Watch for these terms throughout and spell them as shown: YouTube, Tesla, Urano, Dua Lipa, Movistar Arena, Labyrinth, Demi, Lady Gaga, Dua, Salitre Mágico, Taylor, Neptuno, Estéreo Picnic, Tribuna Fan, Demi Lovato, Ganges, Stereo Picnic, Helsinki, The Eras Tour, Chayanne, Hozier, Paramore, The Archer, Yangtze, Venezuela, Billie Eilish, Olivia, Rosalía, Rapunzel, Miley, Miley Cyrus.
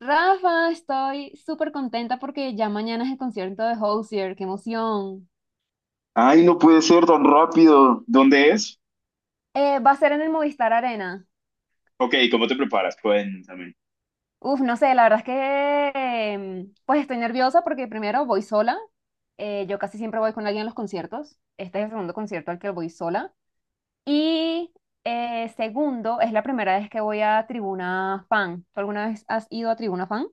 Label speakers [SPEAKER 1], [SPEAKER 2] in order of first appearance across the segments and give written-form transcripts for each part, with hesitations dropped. [SPEAKER 1] Rafa, estoy súper contenta porque ya mañana es el concierto de Hozier, qué emoción.
[SPEAKER 2] Ay, no puede ser tan rápido. ¿Dónde es?
[SPEAKER 1] Va a ser en el Movistar Arena.
[SPEAKER 2] Ok, ¿cómo te preparas? Cuéntame.
[SPEAKER 1] Uf, no sé, la verdad es que pues estoy nerviosa porque primero voy sola. Yo casi siempre voy con alguien a los conciertos. Este es el segundo concierto al que voy sola. Y Segundo, es la primera vez que voy a Tribuna Fan. ¿Tú alguna vez has ido a Tribuna Fan?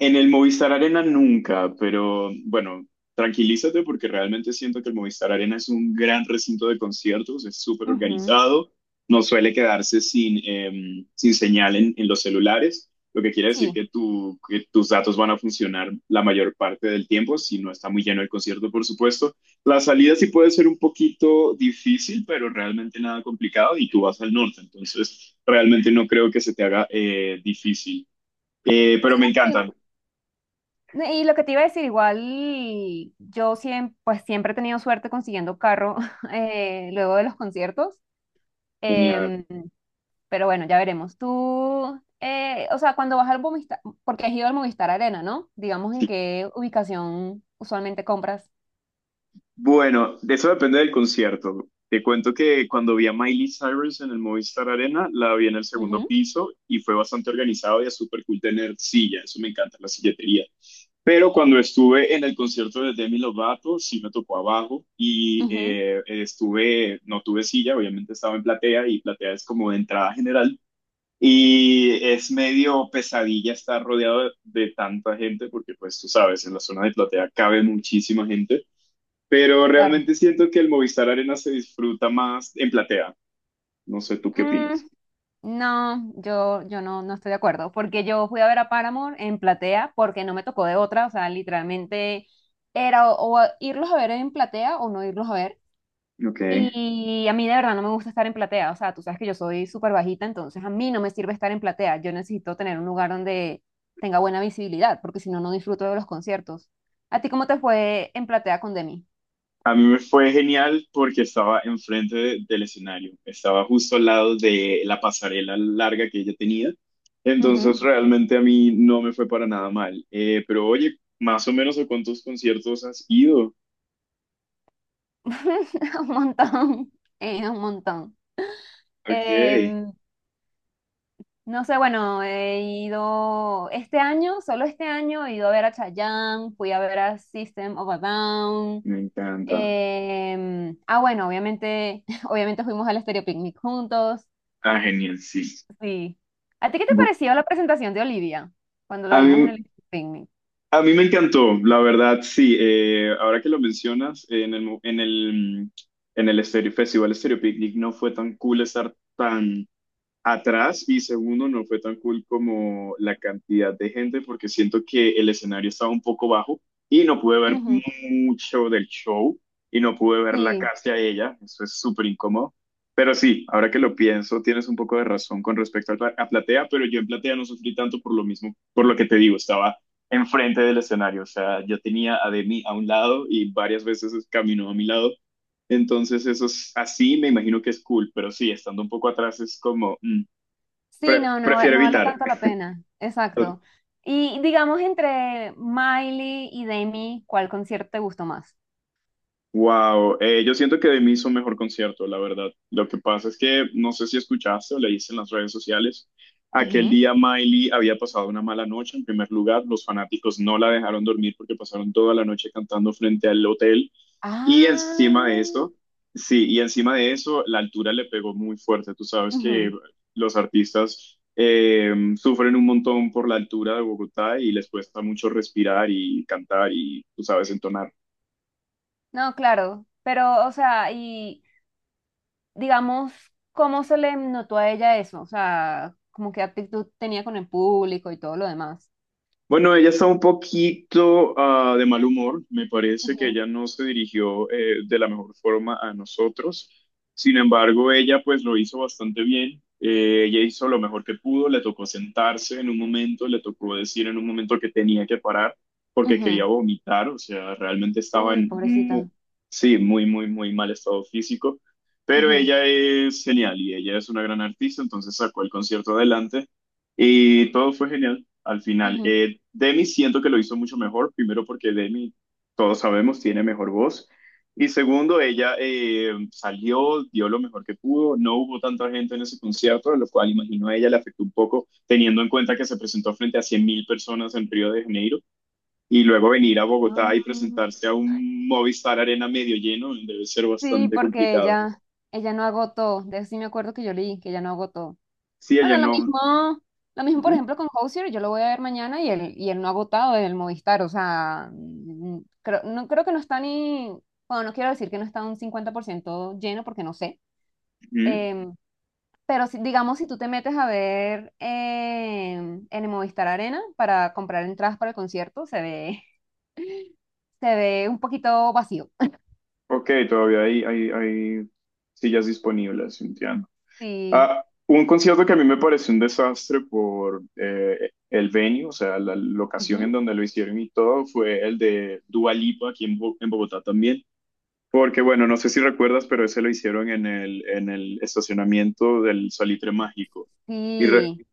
[SPEAKER 2] En el Movistar Arena nunca, pero bueno, tranquilízate porque realmente siento que el Movistar Arena es un gran recinto de conciertos, es súper
[SPEAKER 1] Ujú.
[SPEAKER 2] organizado, no suele quedarse sin señal en los celulares, lo que quiere decir
[SPEAKER 1] Sí.
[SPEAKER 2] que tus datos van a funcionar la mayor parte del tiempo, si no está muy lleno el concierto, por supuesto. La salida sí puede ser un poquito difícil, pero realmente nada complicado y tú vas al norte, entonces realmente no creo que se te haga difícil. Pero
[SPEAKER 1] Sí,
[SPEAKER 2] me
[SPEAKER 1] no,
[SPEAKER 2] encanta.
[SPEAKER 1] no, y lo que te iba a decir, igual yo siempre, pues siempre he tenido suerte consiguiendo carro luego de los conciertos.
[SPEAKER 2] Genial.
[SPEAKER 1] em, pero bueno, ya veremos. Tú, o sea, cuando vas al Movistar, porque has ido al Movistar Arena, ¿no? Digamos, en qué ubicación usualmente compras.
[SPEAKER 2] Bueno, de eso depende del concierto. Te cuento que cuando vi a Miley Cyrus en el Movistar Arena, la vi en el segundo
[SPEAKER 1] Ujú.
[SPEAKER 2] piso y fue bastante organizado y es súper cool tener silla. Eso me encanta, la silletería. Pero cuando estuve en el concierto de Demi Lovato, sí me tocó abajo y
[SPEAKER 1] Ujú,
[SPEAKER 2] no tuve silla, obviamente estaba en platea y platea es como de entrada general. Y es medio pesadilla estar rodeado de tanta gente porque pues tú sabes, en la zona de platea cabe muchísima gente. Pero
[SPEAKER 1] claro.
[SPEAKER 2] realmente siento que el Movistar Arena se disfruta más en platea. No sé, ¿tú qué
[SPEAKER 1] Mm,
[SPEAKER 2] opinas?
[SPEAKER 1] no, yo no, no estoy de acuerdo, porque yo fui a ver a Paramore en platea porque no me tocó de otra, o sea, literalmente era o irlos a ver en platea o no irlos a ver.
[SPEAKER 2] Ok.
[SPEAKER 1] Y a mí de verdad no me gusta estar en platea, o sea, tú sabes que yo soy súper bajita, entonces a mí no me sirve estar en platea, yo necesito tener un lugar donde tenga buena visibilidad, porque si no, no disfruto de los conciertos. ¿A ti cómo te fue en platea con Demi?
[SPEAKER 2] A mí me fue genial porque estaba enfrente del escenario, estaba justo al lado de la pasarela larga que ella tenía, entonces
[SPEAKER 1] Ujú.
[SPEAKER 2] realmente a mí no me fue para nada mal. Pero oye, más o menos a cuántos conciertos has ido.
[SPEAKER 1] Un montón, un montón.
[SPEAKER 2] Ok.
[SPEAKER 1] Em, no sé, bueno, he ido este año, solo este año, he ido a ver a Chayanne, fui a ver a System of a Down.
[SPEAKER 2] Me encanta.
[SPEAKER 1] Bueno, obviamente, obviamente fuimos al Estéreo Picnic juntos.
[SPEAKER 2] Ah, genial, sí.
[SPEAKER 1] Sí. ¿A ti qué te
[SPEAKER 2] Bu-
[SPEAKER 1] pareció la presentación de Olivia cuando
[SPEAKER 2] A
[SPEAKER 1] la
[SPEAKER 2] mí
[SPEAKER 1] vimos en el Estéreo Picnic?
[SPEAKER 2] A mí me encantó, la verdad, sí. Ahora que lo mencionas, en el, mo- en el, mm, en el Stereo Picnic no fue tan cool estar tan atrás y segundo, no fue tan cool como la cantidad de gente porque siento que el escenario estaba un poco bajo y no pude ver
[SPEAKER 1] Ujú.
[SPEAKER 2] mucho del show y no pude ver la
[SPEAKER 1] Sí,
[SPEAKER 2] casi a ella, eso es súper incómodo. Pero sí, ahora que lo pienso, tienes un poco de razón con respecto a Platea, pero yo en Platea no sufrí tanto por lo mismo, por lo que te digo, estaba enfrente del escenario, o sea, yo tenía a Demi a un lado y varias veces caminó a mi lado, entonces eso es así, me imagino que es cool, pero sí, estando un poco atrás es como,
[SPEAKER 1] sí, no, no,
[SPEAKER 2] Prefiero
[SPEAKER 1] no vale
[SPEAKER 2] evitar.
[SPEAKER 1] tanto la pena. Exacto. Y digamos, entre Miley y Demi, ¿cuál concierto te gustó más?
[SPEAKER 2] Wow, yo siento que de mí hizo un mejor concierto, la verdad. Lo que pasa es que no sé si escuchaste o leíste en las redes sociales. Aquel
[SPEAKER 1] Ujú.
[SPEAKER 2] día Miley había pasado una mala noche. En primer lugar, los fanáticos no la dejaron dormir porque pasaron toda la noche cantando frente al hotel. Y
[SPEAKER 1] Ah,
[SPEAKER 2] encima de eso, sí, y encima de eso, la altura le pegó muy fuerte. Tú sabes que
[SPEAKER 1] ujú.
[SPEAKER 2] los artistas sufren un montón por la altura de Bogotá y les cuesta mucho respirar y cantar y, tú sabes, entonar.
[SPEAKER 1] No, claro. Pero, o sea, y digamos, ¿cómo se le notó a ella eso? O sea, ¿como qué actitud tenía con el público y todo lo demás?
[SPEAKER 2] Bueno, ella está un poquito de mal humor. Me parece que
[SPEAKER 1] Ujú,
[SPEAKER 2] ella no se dirigió de la mejor forma a nosotros. Sin embargo, ella pues lo hizo bastante bien. Ella hizo lo mejor que pudo. Le tocó sentarse en un momento, le tocó decir en un momento que tenía que parar porque quería
[SPEAKER 1] ujú.
[SPEAKER 2] vomitar. O sea, realmente estaba
[SPEAKER 1] Uy, pobrecita.
[SPEAKER 2] sí, muy, muy, muy mal estado físico. Pero
[SPEAKER 1] Ujú,
[SPEAKER 2] ella es genial y ella es una gran artista, entonces sacó el concierto adelante y todo fue genial al final.
[SPEAKER 1] ujú.
[SPEAKER 2] Demi siento que lo hizo mucho mejor, primero porque Demi, todos sabemos, tiene mejor voz. Y segundo, ella salió, dio lo mejor que pudo, no hubo tanta gente en ese concierto, lo cual imagino a ella le afectó un poco, teniendo en cuenta que se presentó frente a 100.000 personas en Río de Janeiro y luego venir a
[SPEAKER 1] Ah,
[SPEAKER 2] Bogotá y presentarse a un Movistar Arena medio lleno debe ser
[SPEAKER 1] sí,
[SPEAKER 2] bastante
[SPEAKER 1] porque
[SPEAKER 2] complicado.
[SPEAKER 1] ella no agotó. De eso sí me acuerdo, que yo leí, que ella no agotó.
[SPEAKER 2] Sí, ella
[SPEAKER 1] Bueno,
[SPEAKER 2] no.
[SPEAKER 1] lo mismo, por
[SPEAKER 2] Ujú,
[SPEAKER 1] ejemplo, con Hozier, yo lo voy a ver mañana y él no ha agotado en el Movistar. O sea, mm, creo, no, creo que no está ni, bueno, no quiero decir que no está un 50% lleno porque no sé.
[SPEAKER 2] ujú.
[SPEAKER 1] em, Pero si, digamos, si tú te metes a ver en el Movistar Arena para comprar entradas para el concierto, se ve, se ve un poquito vacío.
[SPEAKER 2] Ok, todavía hay sillas disponibles, entiendo.
[SPEAKER 1] Sí.
[SPEAKER 2] Ah, un concierto que a mí me pareció un desastre por el venue, o sea, la locación en
[SPEAKER 1] Ujú.
[SPEAKER 2] donde lo hicieron y todo, fue el de Dua Lipa aquí en Bogotá también. Porque, bueno, no sé si recuerdas, pero ese lo hicieron en el estacionamiento del Salitre Mágico. Y re-
[SPEAKER 1] Sí.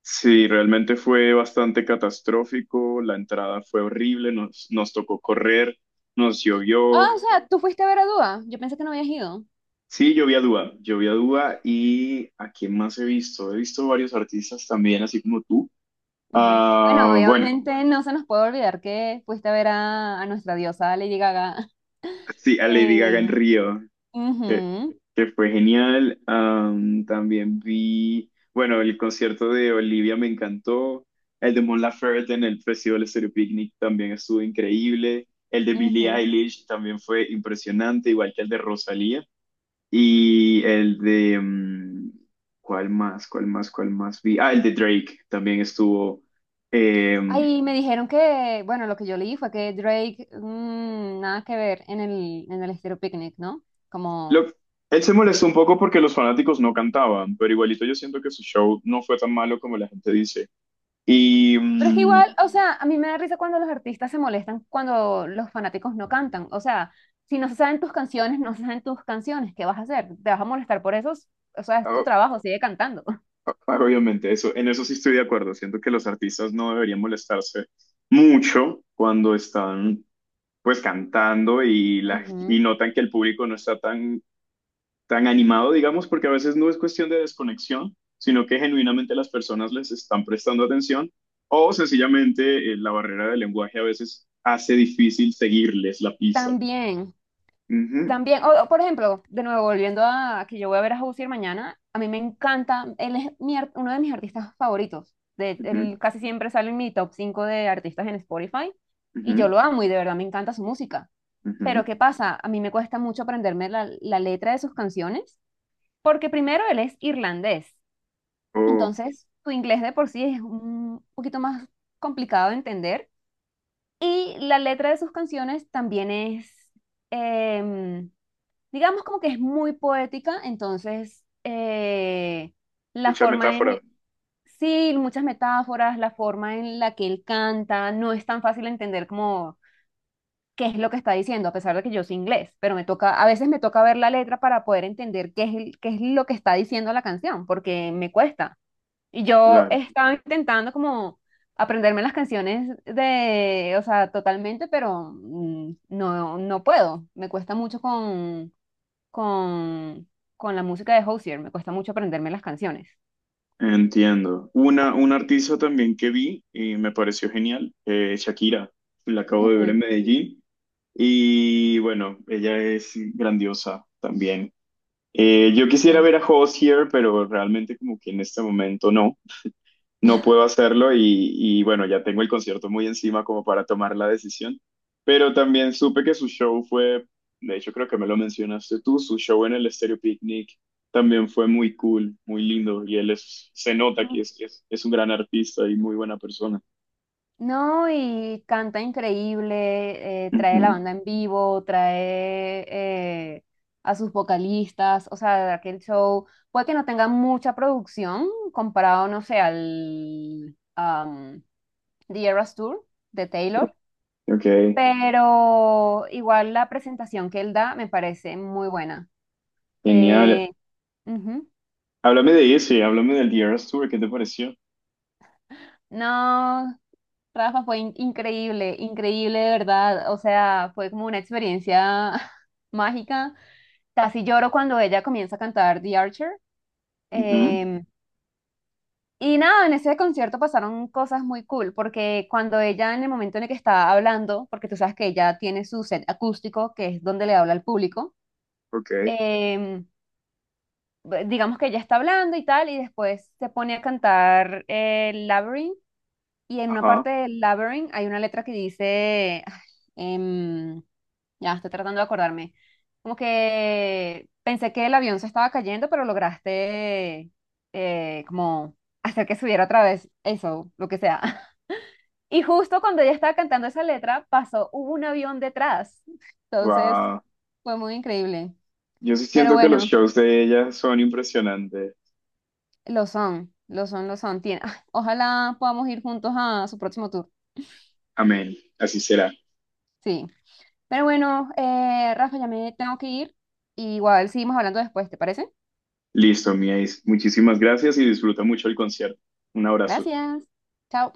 [SPEAKER 2] sí, realmente fue bastante catastrófico, la entrada fue horrible, nos tocó correr, nos
[SPEAKER 1] Ah,
[SPEAKER 2] llovió.
[SPEAKER 1] o sea, tú fuiste a ver a Dua. Yo pensé que no habías ido.
[SPEAKER 2] Sí, yo vi a Dua, yo vi a Dua y ¿a quién más he visto? He visto varios artistas también, así como tú.
[SPEAKER 1] Ujú. Bueno,
[SPEAKER 2] Ah, bueno,
[SPEAKER 1] obviamente no se nos puede olvidar que fuiste a ver a nuestra diosa Lady Gaga.
[SPEAKER 2] sí, a Lady Gaga
[SPEAKER 1] Eh,
[SPEAKER 2] en Río, que,
[SPEAKER 1] ujú,
[SPEAKER 2] que fue genial. Am, también vi, bueno, el concierto de Olivia me encantó. El de Mon Laferte en el Festival Estéreo Picnic también estuvo increíble. El de Billie
[SPEAKER 1] ujú.
[SPEAKER 2] Eilish también fue impresionante, igual que el de Rosalía. Y el de... mm, ¿Cuál más? ¿Cuál más? ¿Cuál más vi? Ah, el de Drake también estuvo. eh,
[SPEAKER 1] Ay, me dijeron que, bueno, lo que yo leí fue que Drake, mm, nada que ver en el Estéreo Picnic, ¿no? Como,
[SPEAKER 2] lo- Él se molestó un poco porque los fanáticos no cantaban, pero igualito yo siento que su show no fue tan malo como la gente dice. Y
[SPEAKER 1] pero es que
[SPEAKER 2] mm,
[SPEAKER 1] igual, o sea, a mí me da risa cuando los artistas se molestan cuando los fanáticos no cantan. O sea, si no se saben tus canciones, no se saben tus canciones, ¿qué vas a hacer? ¿Te vas a molestar por eso? O sea, es tu
[SPEAKER 2] o-
[SPEAKER 1] trabajo, sigue cantando.
[SPEAKER 2] obviamente eso, en eso sí estoy de acuerdo. Siento que los artistas no deberían molestarse mucho cuando están pues cantando y
[SPEAKER 1] Ujú.
[SPEAKER 2] notan que el público no está tan tan animado, digamos, porque a veces no es cuestión de desconexión, sino que genuinamente las personas les están prestando atención o sencillamente la barrera del lenguaje a veces hace difícil seguirles la pista.
[SPEAKER 1] También,
[SPEAKER 2] Ujú,
[SPEAKER 1] también, o, por ejemplo, de nuevo, volviendo a que yo voy a ver a Hozier mañana, a mí me encanta, él es uno de mis artistas favoritos. De,
[SPEAKER 2] ujú,
[SPEAKER 1] él casi siempre sale en mi top 5 de artistas en Spotify y yo
[SPEAKER 2] ujú,
[SPEAKER 1] lo amo y de verdad me encanta su música.
[SPEAKER 2] ujú.
[SPEAKER 1] Pero ¿qué pasa? A mí me cuesta mucho aprenderme la letra de sus canciones, porque primero él es irlandés,
[SPEAKER 2] Oh,
[SPEAKER 1] entonces su inglés de por sí es un poquito más complicado de entender y la letra de sus canciones también es, em, digamos, como que es muy poética, entonces la
[SPEAKER 2] mucha
[SPEAKER 1] forma en,
[SPEAKER 2] metáfora.
[SPEAKER 1] sí, muchas metáforas, la forma en la que él canta no es tan fácil de entender como qué es lo que está diciendo, a pesar de que yo soy inglés, pero me toca, a veces me toca ver la letra para poder entender qué es, qué es lo que está diciendo la canción, porque me cuesta. Y yo
[SPEAKER 2] Claro,
[SPEAKER 1] estaba intentando como aprenderme las canciones de, o sea, totalmente, pero mm, no, no puedo. Me cuesta mucho con, con la música de Hozier, me cuesta mucho aprenderme las canciones.
[SPEAKER 2] entiendo. Un artista también que vi y me pareció genial, Shakira, la acabo de ver en
[SPEAKER 1] Ujú,
[SPEAKER 2] Medellín y bueno, ella es grandiosa también. Yo quisiera ver a Hozier, pero realmente como que en este momento no puedo hacerlo y bueno, ya tengo el concierto muy encima como para tomar la decisión, pero también supe que su show fue, de hecho creo que me lo mencionaste tú, su show en el Stereo Picnic también fue muy cool, muy lindo y él se nota
[SPEAKER 1] sí.
[SPEAKER 2] que es un gran artista y muy buena persona.
[SPEAKER 1] No, y canta increíble, trae la
[SPEAKER 2] Ujú.
[SPEAKER 1] banda en vivo, trae eh, a sus vocalistas, o sea, aquel show puede que no tenga mucha producción comparado, no sé, al The Eras Tour de Taylor,
[SPEAKER 2] Ok,
[SPEAKER 1] pero igual la presentación que él da me parece muy buena.
[SPEAKER 2] genial.
[SPEAKER 1] Eh, ujú.
[SPEAKER 2] Háblame de ese, háblame del The Eras Tour, ¿qué te pareció?
[SPEAKER 1] No, Rafa, fue increíble, increíble de verdad, o sea, fue como una experiencia mágica. Casi lloro cuando ella comienza a cantar The Archer.
[SPEAKER 2] Ujú,
[SPEAKER 1] Em, y nada, en ese concierto pasaron cosas muy cool, porque cuando ella, en el momento en el que está hablando, porque tú sabes que ella tiene su set acústico, que es donde le habla al público,
[SPEAKER 2] Ok,
[SPEAKER 1] em, digamos que ella está hablando y tal, y después se pone a cantar Labyrinth, y en una
[SPEAKER 2] ajá.
[SPEAKER 1] parte del Labyrinth hay una letra que dice... Ya estoy tratando de acordarme. Como que pensé que el avión se estaba cayendo, pero lograste como hacer que subiera otra vez, eso, lo que sea. Y justo cuando ella estaba cantando esa letra, pasó, hubo un avión detrás. Entonces, fue muy increíble.
[SPEAKER 2] Yo sí
[SPEAKER 1] Pero
[SPEAKER 2] siento que los
[SPEAKER 1] bueno,
[SPEAKER 2] shows de ella son impresionantes.
[SPEAKER 1] lo son, lo son, lo son. Ojalá podamos ir juntos a su próximo tour.
[SPEAKER 2] Amén. Así será.
[SPEAKER 1] Sí. Pero bueno, Rafa, ya me tengo que ir. Igual seguimos hablando después, ¿te parece?
[SPEAKER 2] Listo, mi ace. Muchísimas gracias y disfruta mucho el concierto. Un abrazo.
[SPEAKER 1] Gracias. Chao.